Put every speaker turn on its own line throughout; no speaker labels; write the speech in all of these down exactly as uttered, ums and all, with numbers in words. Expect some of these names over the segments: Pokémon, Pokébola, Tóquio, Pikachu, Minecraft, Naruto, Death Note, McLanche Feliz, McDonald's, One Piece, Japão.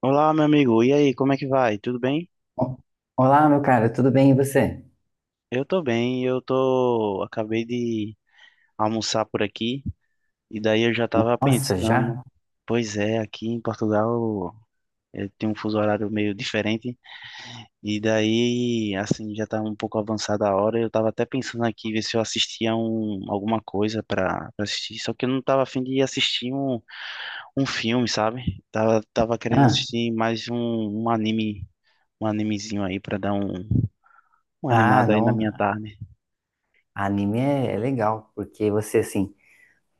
Olá, meu amigo. E aí, como é que vai? Tudo bem?
O- Olá, meu cara, tudo bem e você?
Eu tô bem. Eu tô, acabei de almoçar por aqui e daí eu já tava
Nossa,
pensando,
já?
pois é, aqui em Portugal eu tenho um fuso horário meio diferente e daí, assim, já tá um pouco avançada a hora. Eu tava até pensando aqui ver se eu assistia um, alguma coisa pra pra assistir, só que eu não tava afim de assistir um, um filme, sabe? Tava, tava querendo
Ah,
assistir mais um, um anime, um animezinho aí pra dar um, um
ah,
animado aí na
não,
minha tarde.
anime é, é legal, porque você, assim,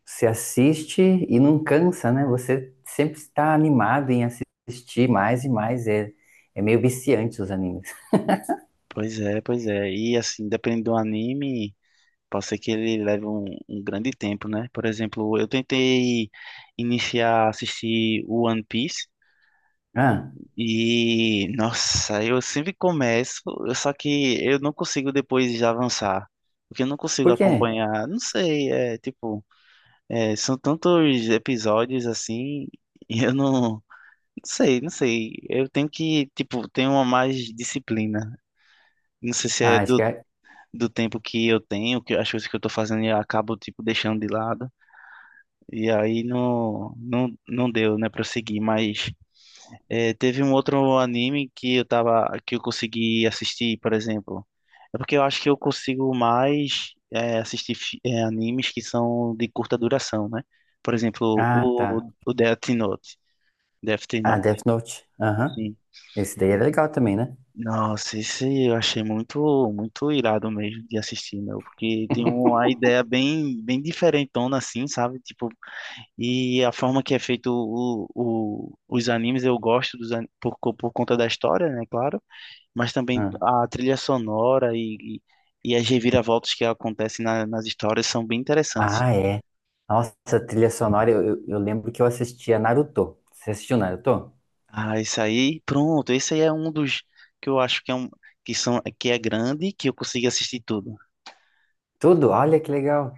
você assiste e não cansa, né? Você sempre está animado em assistir mais e mais, é, é meio viciante os animes.
Pois é, pois é. E assim, dependendo do anime, pode ser que ele leve um, um grande tempo, né? Por exemplo, eu tentei iniciar a assistir o One Piece
Ah,
e, nossa, eu sempre começo, eu- Só que eu não consigo depois já avançar. Porque eu não consigo
por quê?
acompanhar, não sei, é tipo, é, são tantos episódios assim, e eu não, não sei, não sei. Eu tenho que, tipo, ter uma mais disciplina. Não sei se é
Ah, acho
do
que é.
do tempo que eu tenho, que as coisas que eu tô fazendo eu acabo tipo deixando de lado. E aí não não, não deu, né, para seguir, mas é, teve um outro anime que eu tava que eu consegui assistir, por exemplo. É porque eu acho que eu consigo mais é, assistir fi- é, animes que são de curta duração, né? Por exemplo,
Ah, tá.
o o Death Note, Death
Ah,
Note.
Death Note, aham.
Sim.
Esse daí é legal também, né?
Nossa, esse eu achei muito, muito irado mesmo de assistir, meu, porque tem uma ideia bem, bem diferentona assim, sabe? Tipo, e a forma que é feito o, o, os animes, eu gosto dos, an- por, co- por conta da história, né, claro, mas também
Ah,
a trilha sonora e, e, e as reviravoltas que acontecem na- nas histórias são bem interessantes.
Ah, é. Nossa, a trilha sonora, eu, eu eu lembro que eu assistia Naruto. Você assistiu Naruto?
Ah, esse aí, pronto, esse aí é um dos que eu acho que é um, que são, que é grande e que eu consigo assistir tudo.
Tudo? Olha que legal.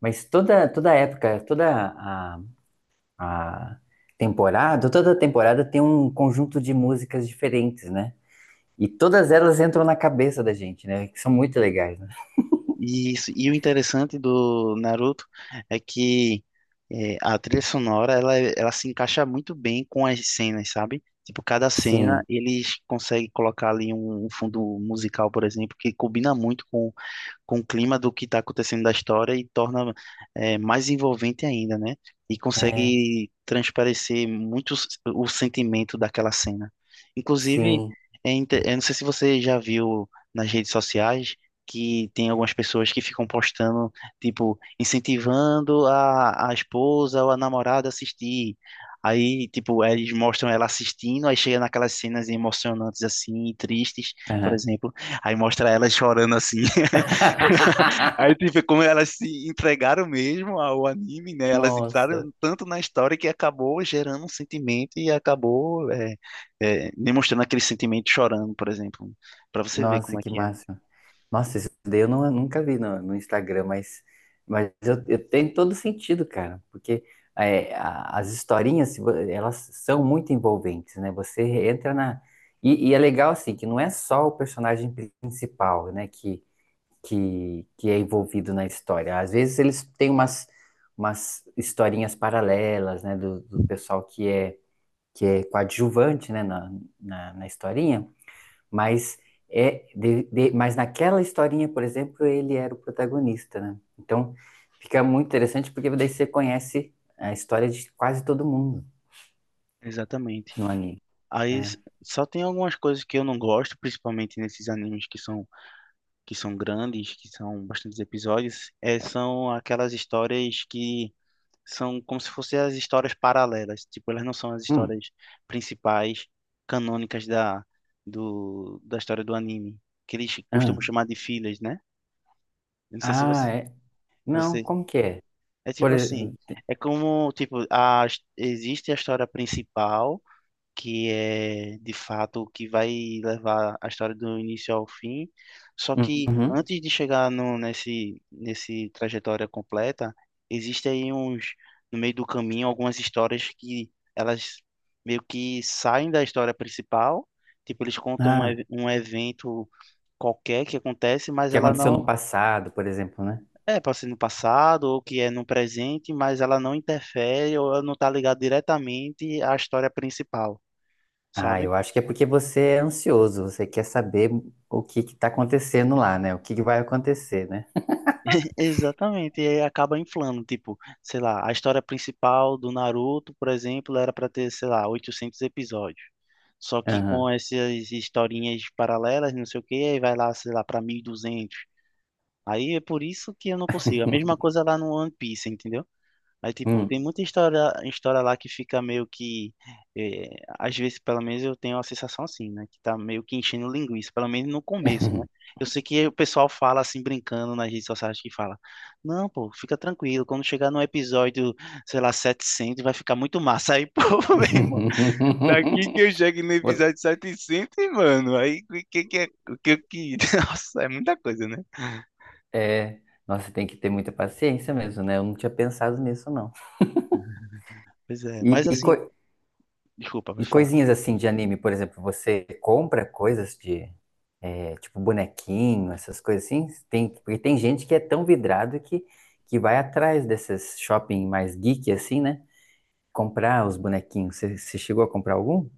Mas toda, toda época, toda a, a temporada, toda temporada tem um conjunto de músicas diferentes, né? E todas elas entram na cabeça da gente, né? Que são muito legais, né?
E, isso- e o interessante do Naruto é que é, a trilha sonora ela, ela se encaixa muito bem com as cenas, sabe? Tipo, cada cena
Sim,
eles conseguem colocar ali um, um fundo musical, por exemplo, que combina muito com com o clima do que está acontecendo da história e torna é, mais envolvente ainda, né? E
é,
consegue transparecer muito s- o sentimento daquela cena. Inclusive,
sim.
é inte- eu não sei se você já viu nas redes sociais que tem algumas pessoas que ficam postando, tipo, incentivando a, a esposa ou a namorada a assistir. Aí, tipo, eles mostram ela assistindo, aí chega naquelas cenas emocionantes assim, tristes, por
Aham.
exemplo, aí mostra ela chorando assim. Aí tu vê como elas se entregaram mesmo ao anime, né? Elas
Nossa.
entraram tanto na história que acabou gerando um sentimento e acabou é, é, demonstrando aquele sentimento chorando, por exemplo, para você ver como
Nossa,
é
que
que é.
máximo. Nossa, isso daí eu não, nunca vi no, no Instagram, mas, mas eu, eu tenho todo sentido, cara, porque é, a- as historinhas, se vo- elas são muito envolventes, né? Você entra na. E, e é legal, assim, que não é só o personagem principal, né, que, que, que é envolvido na história. Às vezes eles têm umas, umas historinhas paralelas, né, do, do pessoal que é, que é coadjuvante, né, na, na, na historinha, mas é de- de- mas naquela historinha, por exemplo, ele era o protagonista, né? Então fica muito interessante porque daí você conhece a história de quase todo mundo
Exatamente.
no anime.
Aí s-
É.
só tem algumas coisas que eu não gosto, principalmente nesses animes que são que são grandes, que são bastantes episódios, é, são aquelas histórias que são como se fossem as histórias paralelas. Tipo, elas não são as
Hum,
histórias principais, canônicas da, do, da história do anime, que eles costumam
hum.
chamar de filhas, né? Eu não sei se
Ah,
você,
é. Não,
você...
como que é?
É
Por
tipo assim,
exemplo.
é como, tipo, a, existe a história principal, que é de fato o que vai levar a história do início ao fim. Só que antes de chegar no, nesse, nesse trajetória completa, existem aí uns, no meio do caminho, algumas histórias que elas meio que saem da história principal, tipo, eles contam um,
Ah,
ev- um evento qualquer que acontece, mas
que
ela
aconteceu no
não.
passado, por exemplo, né?
É, pode ser no passado ou que é no presente, mas ela não interfere ou ela não está ligada diretamente à história principal,
Ah,
sabe?
eu acho que é porque você é ansioso, você quer saber o que que tá acontecendo lá, né? O que que vai acontecer, né?
Exatamente, e aí acaba inflando, tipo, sei lá, a história principal do Naruto, por exemplo, era para ter, sei lá, oitocentos episódios. Só que com
Aham.
essas historinhas paralelas, não sei o quê, aí vai lá, sei lá, para mil e duzentos. Aí é por isso que eu não consigo. A mesma coisa lá no One Piece, entendeu? Mas, tipo, tem
Hum.
muita história, história lá que fica meio que. eh, Às vezes, pelo menos, eu tenho a sensação assim, né? Que tá meio que enchendo linguiça, pelo menos no começo, né? Eu sei que o pessoal fala assim, brincando nas redes sociais, que fala: Não, pô, fica tranquilo, quando chegar no episódio, sei lá, setecentos vai ficar muito massa. Aí, pô, meu irmão, daqui que eu chego no
Vou-
episódio setecentos, mano, aí o que que é. O que que. Nossa, é muita coisa, né?
é, nossa, tem que ter muita paciência mesmo, né? Eu não tinha pensado nisso, não.
Pois é,
E,
mas
e,
assim,
co-
desculpa,
e
pessoal.
coisinhas assim de anime, por exemplo, você compra coisas de, é, tipo, bonequinho, essas coisas assim? Tem, porque tem gente que é tão vidrado que, que vai atrás desses shopping mais geek, assim, né? Comprar os bonequinhos. Você, você chegou a comprar algum?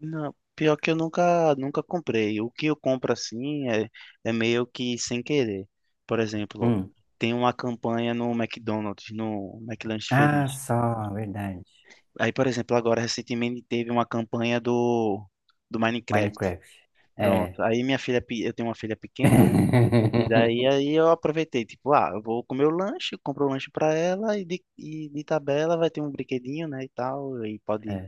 Não, pior que eu nunca, nunca comprei. O que eu compro assim é, é meio que sem querer. Por exemplo,
Hum.
tem uma campanha no McDonald's, no McLanche
Ah,
Feliz.
só, verdade.
Aí, por exemplo, agora recentemente teve uma campanha do, do Minecraft.
Minecraft. É.
Pronto. Aí minha filha, pe- eu tenho uma filha pequena, e daí aí eu aproveitei, tipo, ah, eu vou comer o lanche, compro o lanche pra ela e de, e de tabela vai ter um brinquedinho, né, e tal, e pode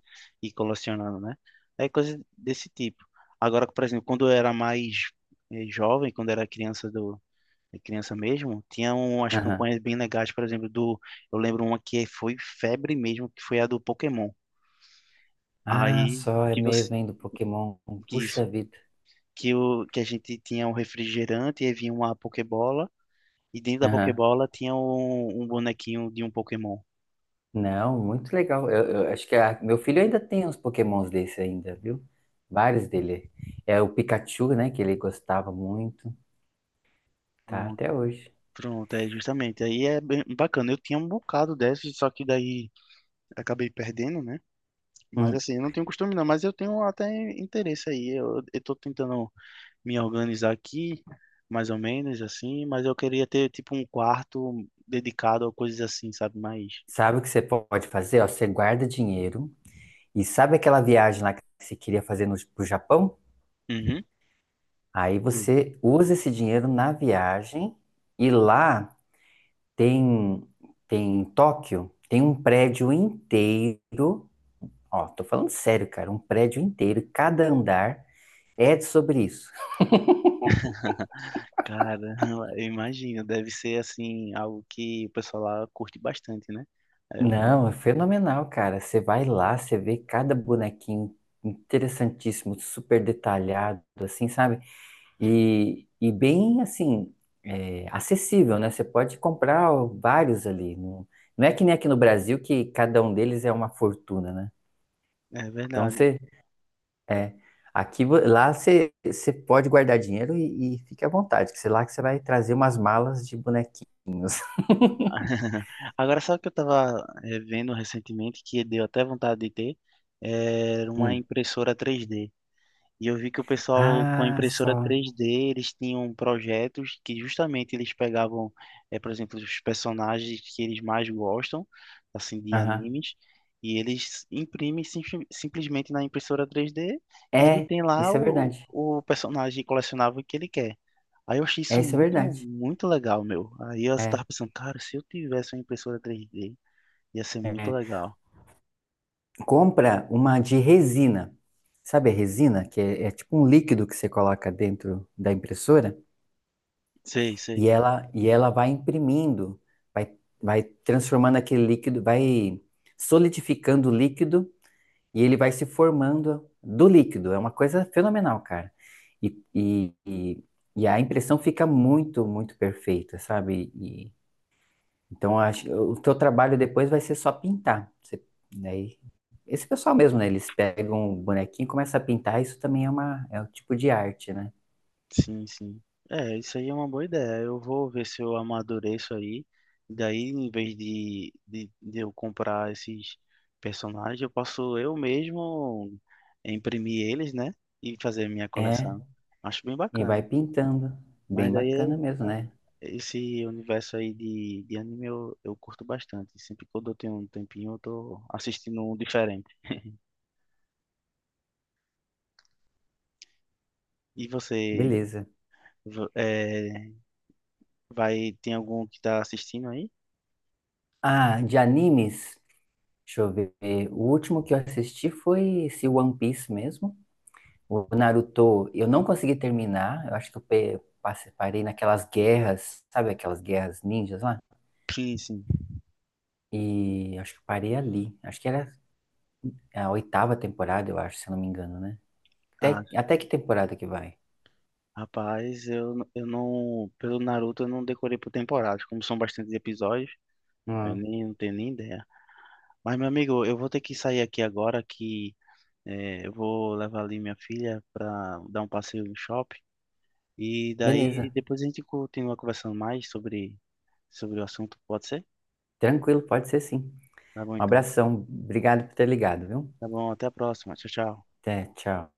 ir colecionando, né? É coisa desse tipo. Agora, por exemplo, quando eu era mais eh, jovem, quando eu era criança do eh, criança mesmo, tinha um, umas
É.
campanhas bem legais, por exemplo, do eu lembro uma que foi febre mesmo, que foi a do Pokémon.
Ah,
Aí
só é
que você
mesmo, hein, do Pokémon.
que
Puxa
isso
vida.
que o que a gente tinha um refrigerante e aí vinha uma Pokébola. E dentro da
Aham.
Pokébola tinha um, um bonequinho de um Pokémon.
Não, muito legal. Eu, eu acho que a- meu filho ainda tem uns Pokémons desse ainda, viu? Vários dele. É o Pikachu, né, que ele gostava muito. Tá
Pronto,
até hoje.
pronto, é justamente. Aí é bem bacana. Eu tinha um bocado desses, só que daí acabei perdendo, né? Mas
Hum.
assim, eu não tenho costume não, mas eu tenho até interesse aí. Eu, eu tô tentando me organizar aqui, mais ou menos assim, mas eu queria ter tipo um quarto dedicado a coisas assim, sabe? Mais.
Sabe o que você pode fazer? Ó, você guarda dinheiro e sabe aquela viagem lá que você queria fazer no, pro Japão?
Uhum.
Aí você usa esse dinheiro na viagem e lá tem, tem em Tóquio, tem um prédio inteiro. Ó, tô falando sério, cara, um prédio inteiro, cada andar é sobre isso.
Cara, eu imagino, deve ser assim, algo que o pessoal lá curte bastante, né? É, mu-
Não, é fenomenal, cara. Você vai lá, você vê cada bonequinho interessantíssimo, super detalhado, assim, sabe? E, e bem, assim, é, acessível, né? Você pode comprar vários ali. Não, não é que nem aqui no Brasil que cada um deles é uma fortuna, né?
é
Então
verdade.
você, é, aqui, vo- lá você, você pode guardar dinheiro e, e fique à vontade, que sei lá que você vai trazer umas malas de bonequinhos.
Agora, sabe o que eu estava vendo recentemente, que deu até vontade de ter? Era uma
Hum.
impressora três D. E eu vi que o pessoal com a
Ah,
impressora
só.
três D, eles tinham projetos que justamente eles pegavam, eh, por exemplo, os personagens que eles mais gostam, assim, de
Aham.
animes, e eles imprimem sim- simplesmente na impressora três D e ele
É,
tem lá
isso é
o,
verdade.
o personagem colecionável que ele quer. Aí eu achei
É,
isso
isso é
muito,
verdade.
muito legal, meu. Aí eu
É,
estava pensando, cara, se eu tivesse uma impressora três D, ia ser muito
é.
legal.
Compra uma de resina. Sabe a resina? Que é, é tipo um líquido que você coloca dentro da impressora
Sei,
e
sei.
ela, e ela vai imprimindo, vai, vai transformando aquele líquido, vai solidificando o líquido e ele vai se formando do líquido. É uma coisa fenomenal, cara. E, e, e, e a impressão fica muito, muito perfeita, sabe? Então, acho, o teu trabalho depois vai ser só pintar. Você, daí, esse pessoal mesmo, né? Eles pegam o bonequinho e começam a pintar. Isso também é uma, é um tipo de arte, né?
Sim, sim. É, isso aí é uma boa ideia. Eu vou ver se eu amadureço aí. Daí, em vez de, de, de eu comprar esses personagens, eu posso eu mesmo imprimir eles, né? E fazer minha
É,
coleção. Acho bem
e vai
bacana.
pintando. Bem
Mas
bacana
daí,
mesmo, né?
esse universo aí de, de anime eu, eu curto bastante. Sempre quando eu tenho um tempinho, eu tô assistindo um diferente. E você,
Beleza.
vo- é, vai, tem algum que tá assistindo aí?
Ah, de animes, deixa eu ver. O último que eu assisti foi esse One Piece mesmo. O Naruto, eu não consegui terminar. Eu acho que eu pe- passe- parei naquelas guerras, sabe aquelas guerras ninjas lá?
Sim, sim.
E acho que eu parei ali. Acho que era, é a oitava temporada, eu acho, se eu não me engano, né? Até, até que temporada que vai?
Rapaz, eu, eu não. Pelo Naruto eu não decorei por temporadas, como são bastantes episódios, eu
Ah,
nem não tenho nem ideia. Mas, meu amigo, eu vou ter que sair aqui agora que eh, eu vou levar ali minha filha pra dar um passeio no shopping. E daí
beleza.
depois a gente continua conversando mais sobre, sobre, o assunto, pode ser?
Tranquilo, pode ser sim.
Tá bom
Um
então.
abração. Obrigado por ter ligado, viu?
Tá bom, até a próxima. Tchau, tchau.
Até, tchau.